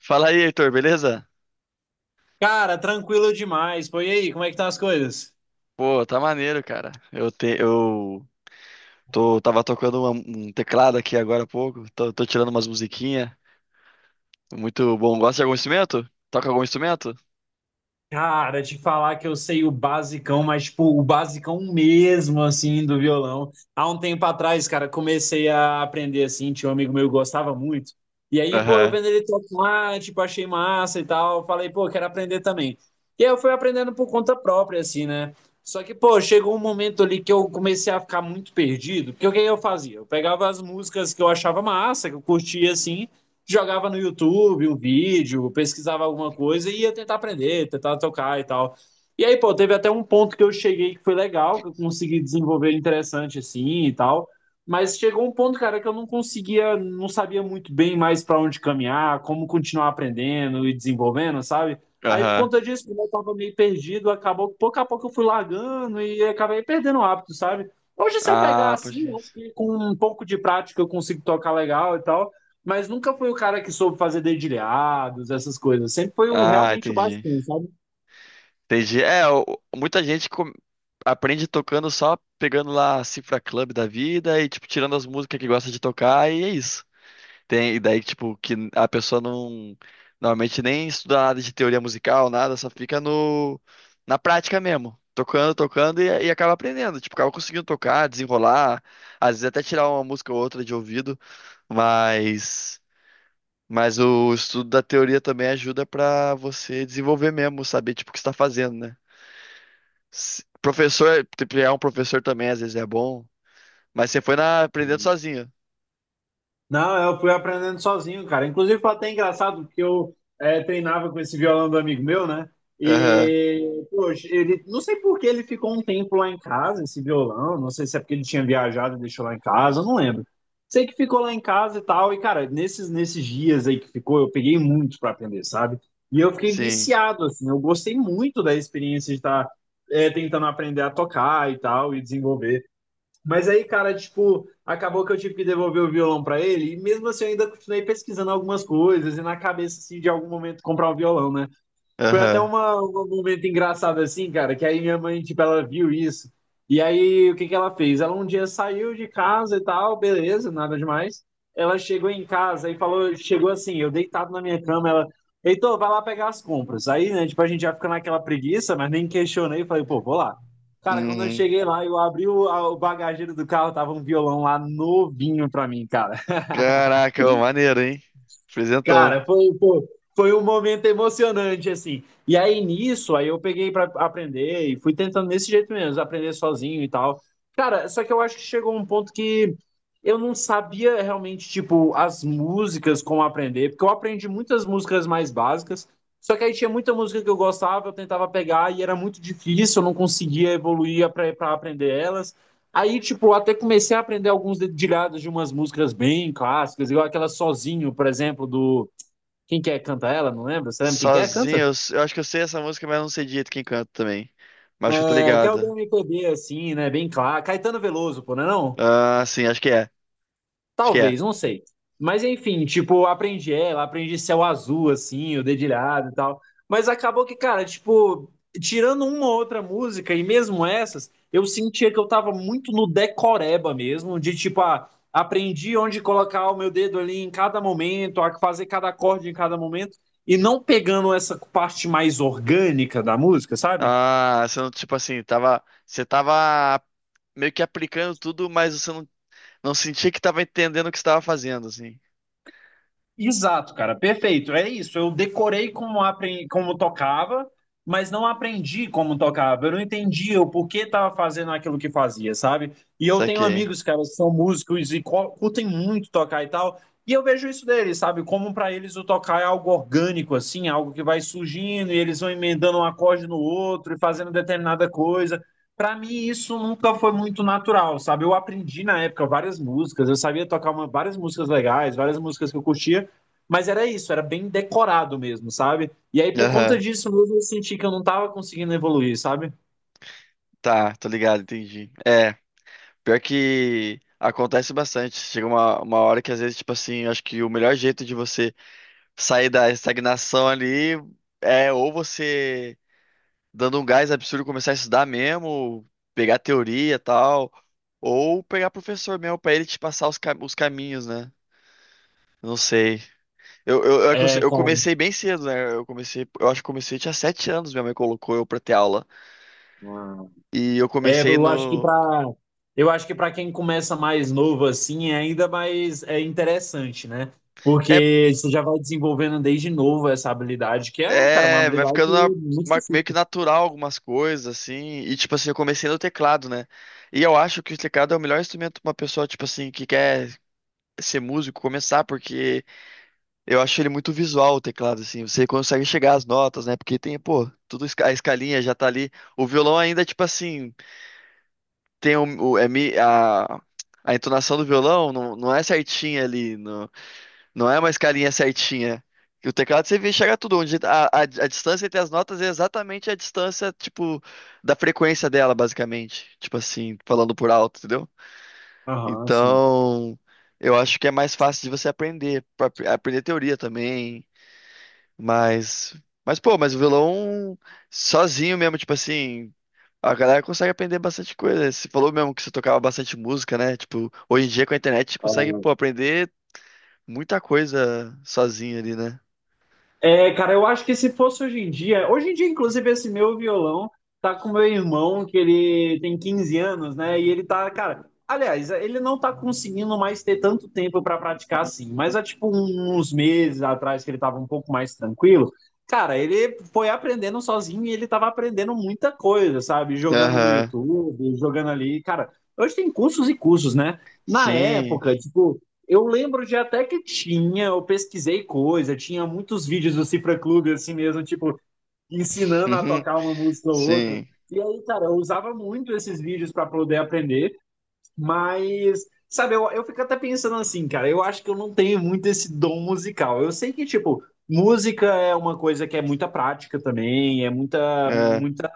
Fala aí, Heitor, beleza? Cara, tranquilo demais. Pô, e aí, como é que estão as coisas? Pô, tá maneiro, cara. Eu tô, tava tocando um teclado aqui agora há pouco. Tô tirando umas musiquinhas. Muito bom. Gosta de algum instrumento? Toca algum instrumento? Cara, te falar que eu sei o basicão, mas tipo, o basicão mesmo, assim, do violão. Há um tempo atrás, cara, comecei a aprender, assim, tinha um amigo meu que gostava muito. E aí, pô, eu Aham, vendo ele tocar, tipo, achei massa e tal. Falei, pô, quero aprender também. E aí eu fui aprendendo por conta própria, assim, né? Só que, pô, chegou um momento ali que eu comecei a ficar muito perdido. Porque o que eu fazia? Eu pegava as músicas que eu achava massa, que eu curtia, assim, jogava no YouTube um vídeo, pesquisava alguma coisa e ia tentar aprender, tentar tocar e tal. E aí, pô, teve até um ponto que eu cheguei que foi legal, que eu consegui desenvolver interessante assim e tal. Mas chegou um ponto, cara, que eu não conseguia, não sabia muito bem mais para onde caminhar, como continuar aprendendo e desenvolvendo, sabe? Aí, por aham. conta disso, como eu tava meio perdido, acabou, que pouco a pouco eu fui largando e acabei perdendo o hábito, sabe? Hoje, se eu pegar Ah, pode assim, crer. eu acho que com um pouco de prática eu consigo tocar legal e tal, mas nunca foi o cara que soube fazer dedilhados, essas coisas. Sempre foi Ah, realmente o entendi. basicão, sabe? Entendi. É, muita gente aprende tocando só pegando lá a Cifra Club da vida e, tipo, tirando as músicas que gosta de tocar e é isso. Tem, e daí, tipo, que a pessoa não normalmente nem estuda nada de teoria musical, nada, só fica no, na prática mesmo. Tocando, tocando e acaba aprendendo. Tipo, acaba conseguindo tocar, desenrolar, às vezes até tirar uma música ou outra de ouvido, mas, mas o estudo da teoria também ajuda pra você desenvolver mesmo, saber, tipo, o que você tá fazendo, né? Professor, tipo, é um professor também, às vezes é bom, mas você foi na, aprendendo sozinho. Não, eu fui aprendendo sozinho, cara. Inclusive, foi até engraçado, porque eu treinava com esse violão do amigo meu, né? Aham, E, poxa, ele, não sei por que ele ficou um tempo lá em casa, esse violão. Não sei se é porque ele tinha viajado e deixou lá em casa, eu não lembro. Sei que ficou lá em casa e tal. E, cara, nesses dias aí que ficou, eu peguei muito pra aprender, sabe? E eu fiquei sim, viciado, assim. Eu gostei muito da experiência de estar tentando aprender a tocar e tal, e desenvolver. Mas aí, cara, tipo, acabou que eu tive que devolver o violão pra ele, e mesmo assim eu ainda continuei pesquisando algumas coisas e na cabeça assim de algum momento comprar o violão, né? Foi até aham. Um momento engraçado assim, cara, que aí minha mãe, tipo, ela viu isso. E aí, o que que ela fez? Ela um dia saiu de casa e tal, beleza, nada demais. Ela chegou em casa e falou, chegou assim, eu deitado na minha cama, ela, Heitor, vai lá pegar as compras. Aí, né, tipo, a gente já fica naquela preguiça, mas nem questionei, falei, pô, vou lá. Cara, quando eu Uhum. cheguei lá, eu abri o bagageiro do carro, tava um violão lá novinho pra mim, cara. Caraca, ô, maneiro, hein? Presentão. Cara, foi, pô, foi um momento emocionante, assim. E aí nisso, aí eu peguei pra aprender e fui tentando desse jeito mesmo, aprender sozinho e tal. Cara, só que eu acho que chegou um ponto que eu não sabia realmente, tipo, as músicas como aprender, porque eu aprendi muitas músicas mais básicas, só que aí tinha muita música que eu gostava, eu tentava pegar e era muito difícil, eu não conseguia evoluir pra aprender elas. Aí, tipo, até comecei a aprender alguns dedilhados de umas músicas bem clássicas, igual aquela Sozinho, por exemplo, do quem quer canta ela? Não lembro. Você lembra quem quer canta? Sozinho, eu acho que eu sei essa música, mas eu não sei direito quem canta também. Mas acho que eu tô É, que é o ligado. do MPB, assim, né? Bem claro. Caetano Veloso, pô, não é não? Ah, sim, acho que é. Acho que é. Talvez, não sei. Mas enfim, tipo, aprendi ela, aprendi Céu Azul, assim, o Dedilhado e tal. Mas acabou que, cara, tipo, tirando uma ou outra música, e mesmo essas, eu sentia que eu tava muito no decoreba mesmo, de tipo, ah, aprendi onde colocar o meu dedo ali em cada momento, a fazer cada acorde em cada momento, e não pegando essa parte mais orgânica da música, sabe? Ah, você não, tipo assim, tava. Você tava meio que aplicando tudo, mas você não, não sentia que tava entendendo o que você tava fazendo, assim. Exato, cara, perfeito. É isso. Eu decorei como, como tocava, mas não aprendi como tocava. Eu não entendia o porquê estava fazendo aquilo que fazia, sabe? E eu tenho Saquei. amigos, cara, que são músicos e curtem muito tocar e tal. E eu vejo isso deles, sabe? Como para eles o tocar é algo orgânico, assim, algo que vai surgindo e eles vão emendando um acorde no outro e fazendo determinada coisa. Para mim, isso nunca foi muito natural, sabe? Eu aprendi na época várias músicas, eu sabia tocar várias músicas legais, várias músicas que eu curtia. Mas era isso, era bem decorado mesmo, sabe? E aí, por conta Aham. disso mesmo, eu senti que eu não tava conseguindo evoluir, sabe? Tá, tô ligado, entendi. É, pior que acontece bastante. Chega uma hora que às vezes, tipo assim, acho que o melhor jeito de você sair da estagnação ali é ou você dando um gás absurdo começar a estudar mesmo, pegar teoria e tal, ou pegar professor mesmo pra ele te passar os caminhos, né? Não sei. Eu, eu, eu aconse- É, eu cara. comecei bem cedo, né? Eu comecei, eu acho que comecei tinha sete anos, minha mãe colocou eu pra ter aula. Ah. E eu É, comecei eu acho que no. pra. Eu acho que para quem começa mais novo assim, é ainda mais é interessante, né? É, Porque você já vai desenvolvendo desde novo essa habilidade, que é, cara, uma vai habilidade ficando muito meio que específica. natural algumas coisas, assim. E tipo assim, eu comecei no teclado, né? E eu acho que o teclado é o melhor instrumento pra uma pessoa, tipo assim, que quer ser músico, começar, porque eu acho ele muito visual o teclado, assim. Você consegue chegar às notas, né? Porque tem, pô, tudo a escalinha já tá ali. O violão ainda, tipo assim, tem a entonação do violão não, não é certinha ali, não, não é uma escalinha certinha. E o teclado você vê chegar tudo onde a distância entre as notas é exatamente a distância, tipo, da frequência dela, basicamente. Tipo assim, falando por alto, entendeu? Aham, sim. Então, eu acho que é mais fácil de você aprender, aprender teoria também, mas mas o violão sozinho mesmo, tipo assim, a galera consegue aprender bastante coisa. Você falou mesmo que você tocava bastante música, né? Tipo, hoje em dia com a internet você consegue, pô, aprender muita coisa sozinho ali, né? É, cara, eu acho que se fosse hoje em dia, inclusive, esse meu violão tá com meu irmão, que ele tem 15 anos, né? E ele tá, cara, aliás, ele não tá conseguindo mais ter tanto tempo pra praticar assim, mas há tipo uns meses atrás que ele tava um pouco mais tranquilo, cara, ele foi aprendendo sozinho e ele tava aprendendo muita coisa, sabe? Jogando no Aham. YouTube, jogando ali, cara. Hoje tem cursos e cursos, né? Na Sim. época, tipo, eu lembro de até que tinha, eu pesquisei coisa, tinha muitos vídeos do Cifra Clube, assim mesmo, tipo, ensinando a Uhum. tocar uma música ou outra. Sim. E aí, cara, eu usava muito esses vídeos para poder aprender, mas, sabe, eu fico até pensando assim, cara, eu acho que eu não tenho muito esse dom musical. Eu sei que, tipo, música é uma coisa que é muita prática também, é muita, É. muita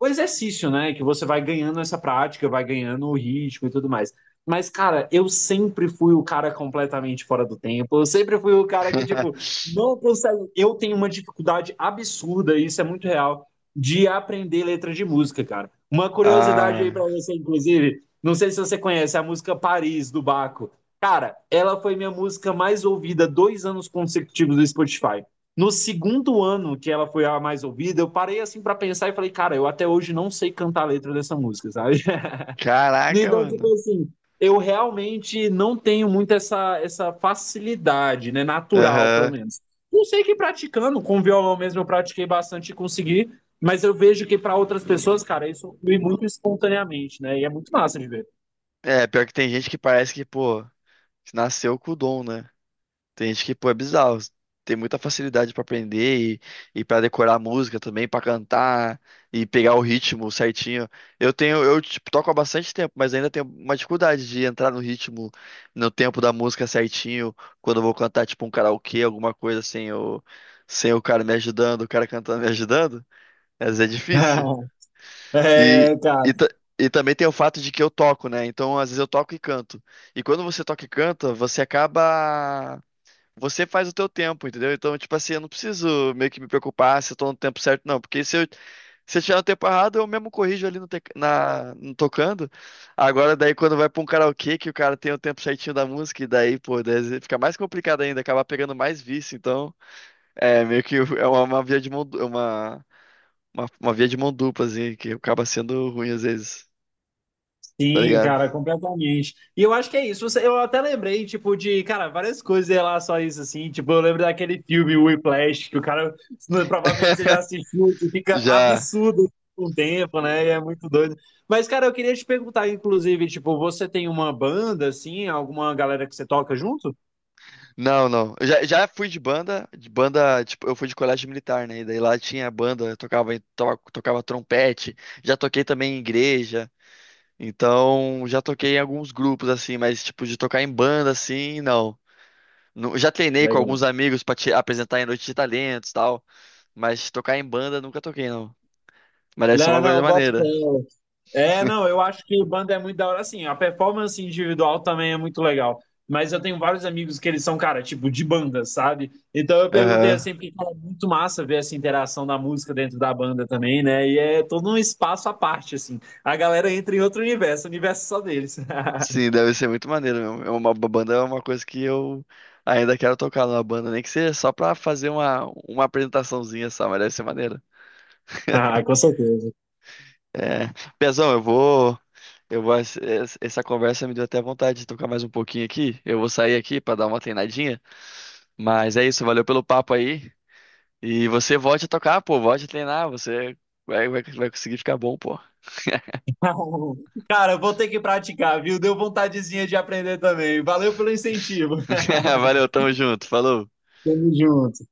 o exercício, né? Que você vai ganhando essa prática, vai ganhando o ritmo e tudo mais. Mas, cara, eu sempre fui o cara completamente fora do tempo. Eu sempre fui o cara que, tipo, não consegue. Eu tenho uma dificuldade absurda, e isso é muito real, de aprender letra de música, cara. Uma curiosidade aí pra Ah, você, inclusive. Não sei se você conhece a música Paris, do Baco. Cara, ela foi minha música mais ouvida 2 anos consecutivos do Spotify. No segundo ano que ela foi a mais ouvida, eu parei assim para pensar e falei, cara, eu até hoje não sei cantar a letra dessa música, sabe? caraca, Então, mano. tipo assim, eu realmente não tenho muito essa, essa facilidade, né? Natural, pelo Aham. menos. Não sei que praticando, com violão mesmo eu pratiquei bastante e consegui, mas eu vejo que para outras pessoas, cara, isso flui muito espontaneamente, né? E é muito massa de ver. É, pior que tem gente que parece que, pô, você nasceu com o dom, né? Tem gente que, pô, é bizarro. Tem muita facilidade pra aprender e para decorar a música também, pra cantar e pegar o ritmo certinho. Eu tipo, toco há bastante tempo, mas ainda tenho uma dificuldade de entrar no ritmo, no tempo da música certinho, quando eu vou cantar tipo um karaokê, alguma coisa sem o, sem o cara me ajudando, o cara cantando me ajudando. Às vezes é difícil. E, É, cara. e, ta- e também tem o fato de que eu toco, né? Então, às vezes eu toco e canto. E quando você toca e canta, você acaba. Você faz o teu tempo, entendeu? Então, tipo assim, eu não preciso meio que me preocupar se eu tô no tempo certo, não. Porque se eu tiver no tempo errado, eu mesmo corrijo ali no tocando. Agora, daí, quando vai pra um karaokê, que o cara tem o tempo certinho da música, e daí, pô, daí fica mais complicado ainda, acaba pegando mais vício. Então, é meio que é uma via de mão, uma via de mão dupla, assim, que acaba sendo ruim às vezes, tá Sim, ligado? cara, completamente. E eu acho que é isso. Eu até lembrei, tipo, de, cara, várias coisas em relação a isso, assim. Tipo, eu lembro daquele filme Whiplash, que o cara, provavelmente você já assistiu, que fica Já. absurdo com o tempo, né? E é muito doido. Mas, cara, eu queria te perguntar, inclusive, tipo, você tem uma banda, assim, alguma galera que você toca junto? Não, não. Eu já fui de banda, tipo, eu fui de colégio militar, né? E daí lá tinha banda, eu tocava, tocava trompete, já toquei também em igreja, então já toquei em alguns grupos, assim, mas tipo, de tocar em banda, assim, não. Já treinei com Legal. alguns amigos pra te apresentar em noite de talentos e tal, mas tocar em banda nunca toquei, não. Mas deve ser Não, uma coisa não, bota fé. maneira. É, não, eu acho que banda é muito da hora, assim, a performance individual também é muito legal, mas eu tenho vários amigos que eles são, cara, tipo, de banda, sabe? Então eu perguntei Aham. assim, porque cara, é muito massa ver essa interação da música dentro da banda também, né? E é todo um espaço à parte, assim, a galera entra em outro universo, o universo é só deles. Sim, deve ser muito maneiro mesmo. É uma banda é uma coisa que eu ainda quero tocar numa banda, nem que seja só pra fazer uma apresentaçãozinha só, mas deve ser maneiro. Ah, com certeza. É, Pezão, eu vou, eu vou. Es- es- Essa conversa me deu até vontade de tocar mais um pouquinho aqui. Eu vou sair aqui pra dar uma treinadinha. Mas é isso, valeu pelo papo aí. E você volte a tocar, pô, volte a treinar. Você vai conseguir ficar bom, pô. Cara, eu vou ter que praticar, viu? Deu vontadezinha de aprender também, valeu pelo incentivo. Valeu, tamo junto, falou. Tamo junto.